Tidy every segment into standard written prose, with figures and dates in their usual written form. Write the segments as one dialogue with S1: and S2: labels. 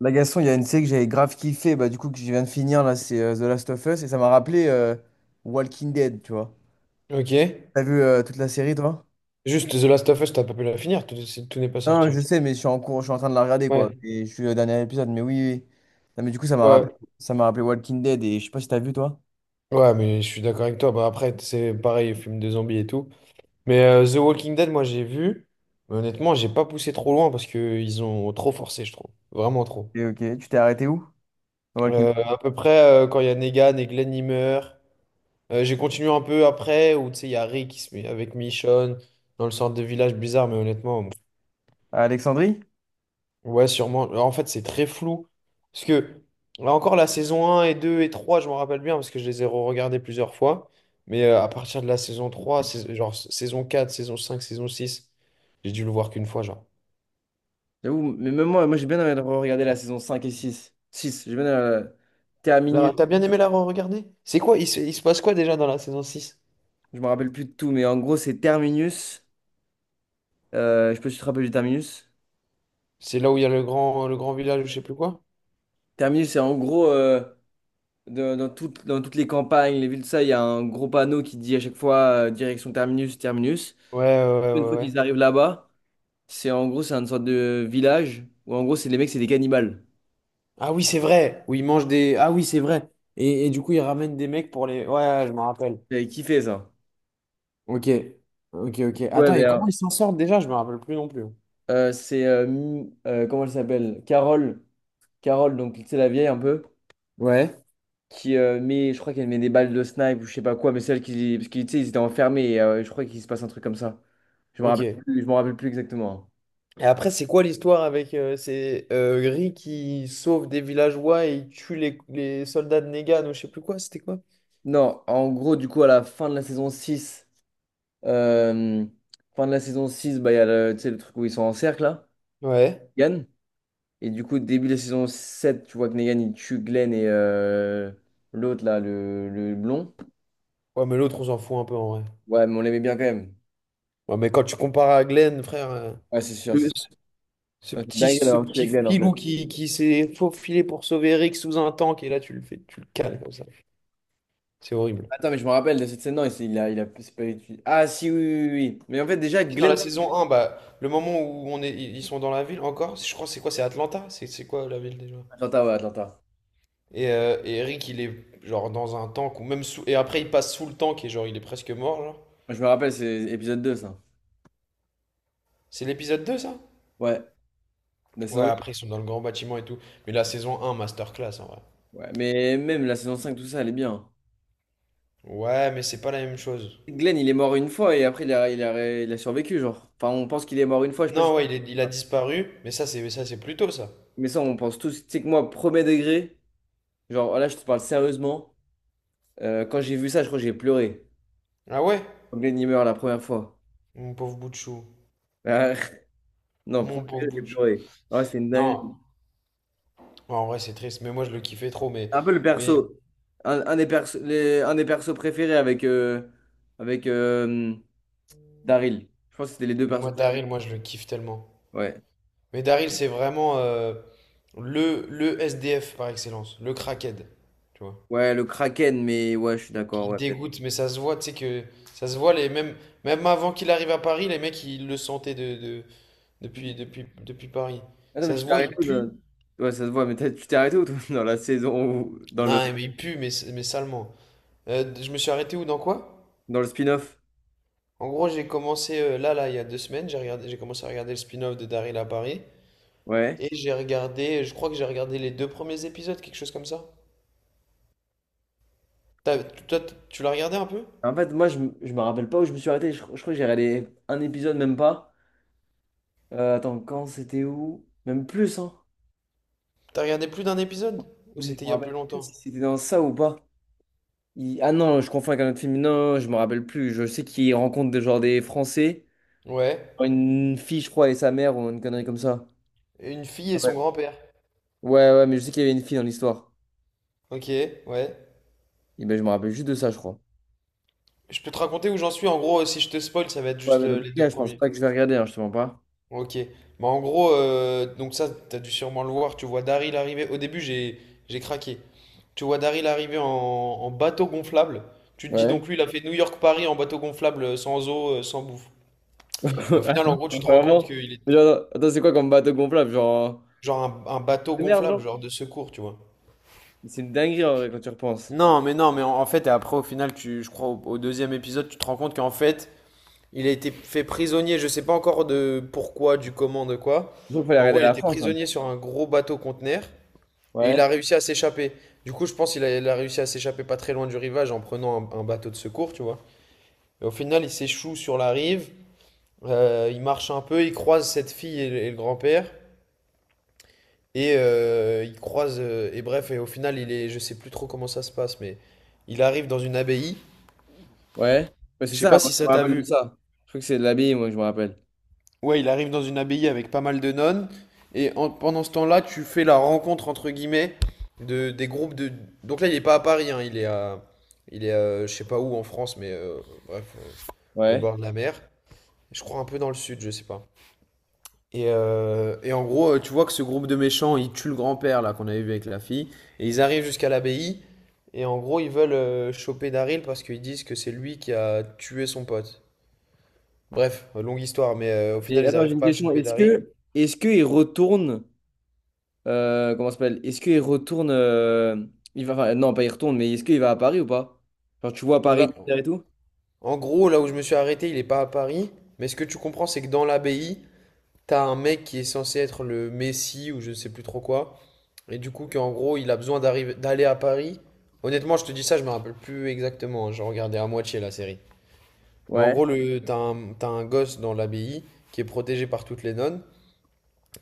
S1: La Gaston, il y a une série que j'avais grave kiffé, bah, du coup, que je viens de finir, là, c'est The Last of Us, et ça m'a rappelé Walking Dead, tu vois.
S2: Ok.
S1: T'as vu toute la série, toi?
S2: Juste, The Last of Us, t'as pas pu la finir, tout, tout n'est pas
S1: Non,
S2: sorti.
S1: je sais, mais je suis en cours, je suis en train de la regarder, quoi.
S2: Ouais.
S1: Et je suis au dernier épisode, mais oui, oui, oui. Non, mais du coup, ça m'a rappelé,
S2: Ouais.
S1: ça m'a rappelé Walking Dead, et je sais pas si t'as vu, toi.
S2: Ouais, mais je suis d'accord avec toi. Bah, après, c'est pareil, film de zombies et tout. Mais The Walking Dead, moi, j'ai vu. Mais honnêtement, j'ai pas poussé trop loin parce que ils ont trop forcé, je trouve. Vraiment trop.
S1: Et ok, tu t'es arrêté où? Dans Walking
S2: Euh,
S1: Dead.
S2: à peu près, quand il y a Negan et Glenn, ils meurent. J'ai continué un peu après, où tu sais, il y a Rick qui se met avec Michonne dans le centre de village bizarre, mais honnêtement.
S1: À Alexandrie?
S2: Ouais, sûrement. Alors, en fait, c'est très flou. Parce que, là encore, la saison un et 2 et 3 je m'en rappelle bien parce que je les ai re-regardés plusieurs fois. Mais à partir de la saison 3 genre saison 4 saison 5 saison 6 j'ai dû le voir qu'une fois, genre.
S1: J'avoue, mais même moi j'ai bien envie de regarder la saison 5 et six j'ai bien Terminus,
S2: Là, t'as bien aimé la re-regarder? C'est quoi? Il se passe quoi déjà dans la saison six?
S1: je me rappelle plus de tout, mais en gros, c'est Terminus. Je peux te rappeler du Terminus?
S2: C'est là où il y a le grand village ou je sais plus quoi?
S1: Terminus, c'est en gros, dans dans toutes les campagnes, les villes, ça, il y a un gros panneau qui dit à chaque fois direction Terminus, Terminus.
S2: Ouais, ouais, ouais,
S1: Une
S2: ouais,
S1: fois qu'ils
S2: ouais.
S1: arrivent là-bas, c'est en gros, c'est une sorte de village où en gros, c'est les mecs, c'est des cannibales.
S2: Ah oui, c'est vrai. Où ils mangent des. Ah oui, c'est vrai. Et du coup, ils ramènent des mecs pour les. Ouais, ouais, je m'en rappelle.
S1: J'avais kiffé ça.
S2: Ok, ok, ok.
S1: Ouais,
S2: Attends, et comment
S1: ben,
S2: ils s'en sortent déjà? Je me rappelle plus non plus.
S1: comment elle s'appelle? Carole. Carole, donc, tu sais, la vieille un peu,
S2: Ouais.
S1: qui met, je crois qu'elle met des balles de snipe ou je sais pas quoi, mais celle qui, parce qu'ils, tu sais, ils étaient enfermés et je crois qu'il se passe un truc comme ça. Je me rappelle
S2: Ok.
S1: plus, je me rappelle plus exactement, hein.
S2: Et après, c'est quoi l'histoire avec ces gris qui sauvent des villageois et ils tuent les soldats de Negan ou je sais plus quoi, c'était quoi?
S1: Non, en gros, du coup, à la fin de la saison 6, euh, fin de la saison 6, bah, il y a le, tu sais, le truc où ils sont en cercle, là,
S2: Ouais.
S1: Negan. Et du coup, début de la saison 7, tu vois que Negan, il tue Glenn et l'autre, là, le blond.
S2: Ouais, mais l'autre, on s'en fout un peu en vrai.
S1: Ouais, mais on l'aimait bien quand même.
S2: Ouais, mais quand tu compares à Glenn, frère,
S1: Ouais, c'est sûr, c'est
S2: le-
S1: sûr.
S2: ce ce
S1: Non, c'est
S2: petit,
S1: dingue
S2: ce
S1: d'avoir tué
S2: petit
S1: Glenn, en
S2: filou
S1: fait.
S2: qui s'est faufilé pour sauver Rick sous un tank et là, tu le fais, tu le cales comme ça. C'est horrible.
S1: Attends, mais je me rappelle de cette scène, non, il, s'est- il a, c'est pas utile. Ah, si, oui, oui, oui, oui. Mais en fait, déjà,
S2: Si, dans
S1: Glenn...
S2: la saison un, bah, le moment où on est, ils sont dans la ville encore, je crois que c'est quoi, c'est Atlanta? C'est quoi la ville déjà?
S1: Atlanta, ouais, Atlanta.
S2: Et Eric, il est genre dans un tank, ou même sous, et après il passe sous le tank et genre il est presque mort, genre.
S1: Moi, je me rappelle, c'est épisode 2 ça.
S2: C'est l'épisode 2 ça?
S1: Ouais, la
S2: Ouais,
S1: saison 8.
S2: après ils sont dans le grand bâtiment et tout. Mais la saison 1, masterclass en vrai.
S1: Ouais, mais même la saison 5, tout ça, elle est bien.
S2: Ouais, mais c'est pas la même chose.
S1: Glenn, il est mort une fois et après, il a survécu, genre. Enfin, on pense qu'il est mort une fois, je sais pas. je-
S2: Non, ouais, il a disparu, mais ça c'est plus tôt ça.
S1: Mais ça, on pense tous. Tu sais que moi, premier degré, genre, là, je te parle sérieusement. Euh, quand j'ai vu ça, je crois que j'ai pleuré.
S2: Ah ouais?
S1: Quand Glenn, il meurt la première fois.
S2: Mon pauvre bout de chou.
S1: Euh, non,
S2: Mon
S1: premier
S2: pauvre
S1: degré,
S2: bout
S1: j'ai
S2: de chou.
S1: pleuré. Ouais, c'est une
S2: Non,
S1: dinguerie.
S2: en vrai c'est triste, mais moi je le kiffais trop,
S1: C'est un peu le
S2: mais,
S1: perso. Un des perso, un des persos préférés avec, avec euh, Daryl. Je pense que c'était les deux
S2: mais moi
S1: persos
S2: Daryl,
S1: préférés.
S2: moi je le kiffe tellement.
S1: Ouais.
S2: Mais Daryl, c'est vraiment le SDF par excellence, le crackhead, tu vois.
S1: Ouais, le Kraken, mais ouais, je suis d'accord.
S2: Qui
S1: Ouais.
S2: dégoûte, mais ça se voit, tu sais que ça se voit, même avant qu'il arrive à Paris, les mecs, ils le sentaient depuis Paris.
S1: Attends, mais
S2: Ça
S1: tu
S2: se
S1: t'es
S2: voit, il
S1: arrêté où
S2: pue.
S1: dans- Ouais, ça se voit, mais tu t'es arrêté où, toi, dans dans
S2: Non, mais il pue, mais salement. Je me suis arrêté où, dans quoi?
S1: dans le spin-off?
S2: En gros, j'ai commencé il y a 2 semaines, j'ai regardé, j'ai commencé à regarder le spin-off de Daryl à Paris.
S1: Ouais.
S2: Et j'ai regardé, je crois que j'ai regardé les deux premiers épisodes, quelque chose comme ça. Toi, tu l'as regardé un peu?
S1: En fait, moi, je me rappelle pas où je me suis arrêté. Je crois que j'ai regardé un épisode, même pas. Attends, quand c'était où? Même plus, hein.
S2: T'as regardé plus d'un épisode? Ou
S1: Non, mais je
S2: c'était
S1: me
S2: il y a plus
S1: rappelle plus
S2: longtemps?
S1: si c'était dans ça ou pas. Ah non, je confonds avec un autre film. Non, je me rappelle plus. Je sais qu'il rencontre des, genre, des Français.
S2: Ouais.
S1: Une fille, je crois, et sa mère, ou une connerie comme ça.
S2: Et une fille et son
S1: Ouais,
S2: grand-père.
S1: ouais, ouais, mais je sais qu'il y avait une fille dans l'histoire.
S2: Ok, ouais.
S1: Et ben, je me rappelle juste de ça, je crois.
S2: Je peux te raconter où j'en suis. En gros, si je te spoil, ça va être
S1: Ouais,
S2: juste
S1: mais dans tout
S2: les deux
S1: cas, je pense
S2: premiers.
S1: pas que je vais regarder, hein, je te mens pas.
S2: Ok. Bah en gros, donc ça, t'as dû sûrement le voir. Tu vois Daryl arriver. Au début, j'ai craqué. Tu vois Daryl arriver en bateau gonflable. Tu te dis
S1: Ouais.
S2: donc lui, il a fait New York-Paris en bateau gonflable, sans eau, sans bouffe. Et au final, en gros, tu te rends compte
S1: Vraiment.
S2: qu'il est
S1: Genre, attends, c'est quoi comme bateau gonflable? Genre.
S2: genre un bateau
S1: De merde,
S2: gonflable,
S1: genre.
S2: genre de secours, tu vois.
S1: C'est une dinguerie en vrai quand tu repenses.
S2: Non, mais non, mais en fait, et après, au final, tu, je crois, au deuxième épisode, tu te rends compte qu'en fait, il a été fait prisonnier, je sais pas encore de pourquoi, du comment, de quoi.
S1: Je crois qu'il fallait
S2: Mais en
S1: regarder
S2: gros, il
S1: la
S2: était
S1: France, hein.
S2: prisonnier sur un gros bateau conteneur et
S1: Ouais.
S2: il a réussi à s'échapper. Du coup, je pense qu'il a réussi à s'échapper pas très loin du rivage en prenant un bateau de secours, tu vois. Et au final, il s'échoue sur la rive, il marche un peu, il croise cette fille et le grand-père. Il croise, et bref, et au final, il est, je sais plus trop comment ça se passe, mais il arrive dans une abbaye.
S1: Ouais. Ouais, c'est
S2: Je sais
S1: ça,
S2: pas
S1: moi,
S2: si
S1: je
S2: ça
S1: me
S2: t'a
S1: rappelle de
S2: vu.
S1: ça. Je crois que c'est de l'abbaye, moi, je me rappelle.
S2: Ouais, il arrive dans une abbaye avec pas mal de nonnes. Pendant ce temps-là, tu fais la rencontre, entre guillemets, des groupes de... Donc là, il est pas à Paris, hein, il est à... Il est à, je sais pas où en France, mais bref, au
S1: Ouais.
S2: bord de la mer. Je crois un peu dans le sud, je sais pas. Et en gros, tu vois que ce groupe de méchants, ils tuent le grand-père, là, qu'on avait vu avec la fille. Et ils arrivent jusqu'à l'abbaye. Et en gros, ils veulent choper Daryl parce qu'ils disent que c'est lui qui a tué son pote. Bref, longue histoire, mais au
S1: Et
S2: final, ils
S1: attends, j'ai
S2: n'arrivent
S1: une
S2: pas à
S1: question.
S2: choper
S1: Est-ce
S2: Daryl.
S1: que est-ce qu'il retourne comment ça s'appelle? Est-ce qu'il retourne il va enfin, non, pas il retourne, mais est-ce qu'il va à Paris ou pas? Genre tu vois
S2: Là,
S1: Paris et tout?
S2: en gros, là où je me suis arrêté, il n'est pas à Paris. Mais ce que tu comprends, c'est que dans l'abbaye, t'as un mec qui est censé être le messie ou je ne sais plus trop quoi. Et du coup, qu'en gros, il a besoin d'arriver, d'aller à Paris. Honnêtement, je te dis ça, je me rappelle plus exactement, hein. J'ai regardé à moitié la série. Mais en
S1: Ouais.
S2: gros, t'as un gosse dans l'abbaye qui est protégé par toutes les nonnes.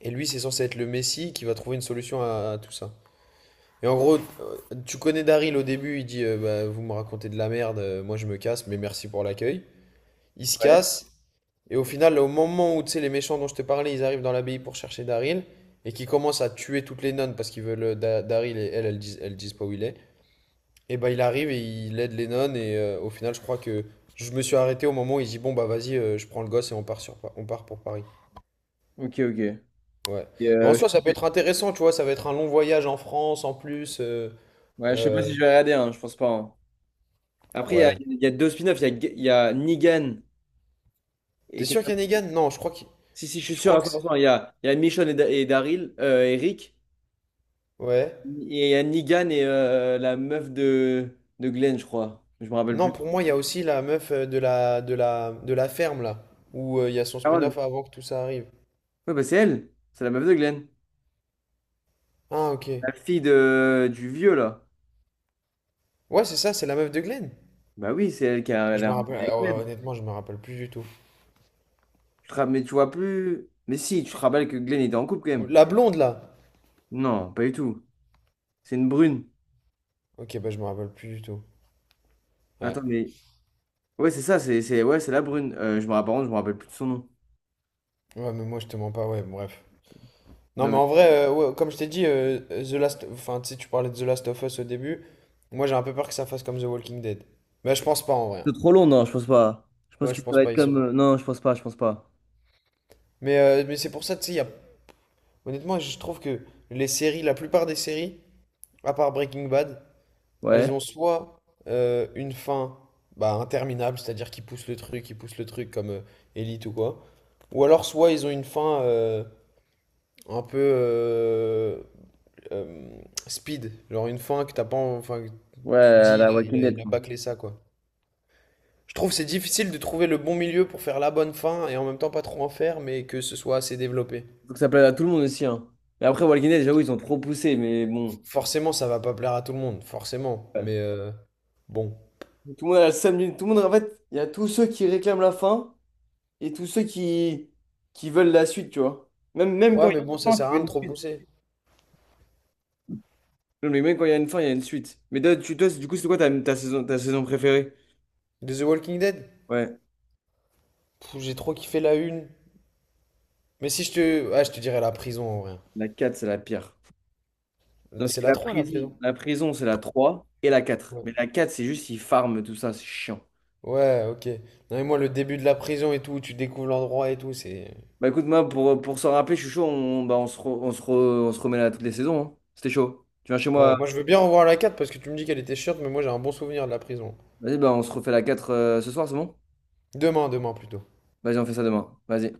S2: Et lui, c'est censé être le messie qui va trouver une solution à tout ça. Et en gros, tu connais Daryl au début, il dit bah, vous me racontez de la merde, moi je me casse, mais merci pour l'accueil. Il se
S1: Ouais.
S2: casse, et au final, au moment où tu sais, les méchants dont je te parlais, ils arrivent dans l'abbaye pour chercher Daryl, et qui commencent à tuer toutes les nonnes parce qu'ils veulent Daryl et elles, elles disent pas où il est. Et bah il arrive et il aide les nonnes, au final, je crois que je me suis arrêté au moment où il dit bon bah vas-y, je prends le gosse et on part, on part pour Paris.
S1: Ok, ok.
S2: Ouais.
S1: Et,
S2: Mais en
S1: euh,
S2: soi,
S1: je-
S2: ça peut être intéressant, tu vois, ça va être un long voyage en France en plus.
S1: ouais, je sais pas
S2: Euh,
S1: si je vais regarder, hein, je pense pas, hein. Après,
S2: ouais.
S1: il y a deux spin-offs. Il y a, il y a Negan et
S2: T'es sûr
S1: quelqu'un.
S2: qu'il y a Negan? Non, je crois que
S1: Si, si, je suis
S2: je
S1: sûr
S2: crois
S1: à
S2: que
S1: 100%. Il y a Michonne et, et Daryl, et Rick.
S2: ouais.
S1: Et il y a Negan et la meuf de Glenn, je crois. Je me rappelle
S2: Non,
S1: plus.
S2: pour moi, il y a aussi la meuf de la ferme là, où il y a son
S1: Carole.
S2: spin-off avant que tout ça arrive.
S1: Ouais, bah c'est elle. C'est la meuf de Glenn.
S2: Ah, OK.
S1: La fille de, du vieux, là.
S2: Ouais, c'est ça, c'est la meuf de Glenn.
S1: Bah oui, c'est elle qui a
S2: Je me
S1: l'air
S2: rappelle
S1: avec
S2: ouais,
S1: Glenn.
S2: honnêtement, je me rappelle plus du tout.
S1: Mais tu vois plus. Mais si, tu te rappelles que Glenn était en couple quand même.
S2: La blonde là.
S1: Non, pas du tout. C'est une brune.
S2: OK, bah je me rappelle plus du tout. Ouais.
S1: Attends, mais. Ouais, c'est ça, ouais, c'est la brune. Je me rappelle plus de son nom.
S2: Ouais, mais moi je te mens pas, ouais, bref. Non, mais
S1: Non,
S2: en vrai, ouais, comme je t'ai dit The Last enfin, tu sais, tu parlais de The Last of Us au début. Moi, j'ai un peu peur que ça fasse comme The Walking Dead. Mais je pense pas en vrai.
S1: c'est trop long, non, je pense pas. Je pense
S2: Ouais,
S1: que
S2: je
S1: ça
S2: pense
S1: va être
S2: pas,
S1: comme, non, je pense pas, je pense pas.
S2: mais c'est pour ça, tu sais, il y a Honnêtement, je trouve que les séries, la plupart des séries, à part Breaking Bad, elles
S1: Ouais.
S2: ont soit une fin bah, interminable, c'est-à-dire qu'ils poussent le truc, ils poussent le truc comme Elite ou quoi, ou alors soit ils ont une fin un peu euh, speed, genre une fin que t'as pas, enfin, que
S1: Ouais,
S2: tu te
S1: à
S2: dis, il
S1: la
S2: a, il
S1: Walking
S2: a- il
S1: Dead,
S2: a
S1: quoi.
S2: bâclé ça quoi. Je trouve que c'est difficile de trouver le bon milieu pour faire la bonne fin et en même temps pas trop en faire, mais que ce soit assez développé.
S1: Faut que ça plaise à tout le monde aussi, hein. Mais après, Walking Dead, j'avoue, ils ont trop poussé, mais bon.
S2: Forcément, ça va pas plaire à tout le monde, forcément.
S1: Ouais.
S2: Mais bon.
S1: Tout le monde a le samedi. Tout le monde, en fait, il y a tous ceux qui réclament la fin et tous ceux qui veulent la suite, tu vois. Même
S2: Ouais,
S1: quand il y
S2: mais bon,
S1: a
S2: ça
S1: une fin,
S2: sert
S1: tu
S2: à
S1: veux
S2: rien de
S1: une
S2: trop
S1: suite.
S2: pousser.
S1: Non, mais même quand il y a une fin, il y a une suite. Mais toi, du coup, c'est quoi ta saison préférée?
S2: De The Walking Dead?
S1: Ouais.
S2: Pff, j'ai trop kiffé la une. Mais si je te. Ah, je te dirais la prison en vrai.
S1: La 4, c'est la pire. Parce
S2: C'est
S1: que
S2: la
S1: la
S2: 3 la
S1: prison,
S2: prison.
S1: la prison, c'est la 3 et la quatre.
S2: Ouais.
S1: Mais la 4 c'est juste, ils farment tout ça, c'est chiant.
S2: Ouais, ok. Non, mais moi, le début de la prison et tout, où tu découvres l'endroit et tout, c'est.
S1: Bah écoute, moi, pour s'en rappeler, je suis chaud, on, bah, on, se re- on, se re- on se remet là toutes les saisons, hein. C'était chaud. Tu viens chez
S2: Ouais,
S1: moi,
S2: moi je veux bien revoir la 4 parce que tu me dis qu'elle était chiante, mais moi j'ai un bon souvenir de la prison.
S1: vas-y, bah, on se refait la 4 ce soir, c'est bon?
S2: Demain, demain plutôt.
S1: Vas-y, on fait ça demain. Vas-y.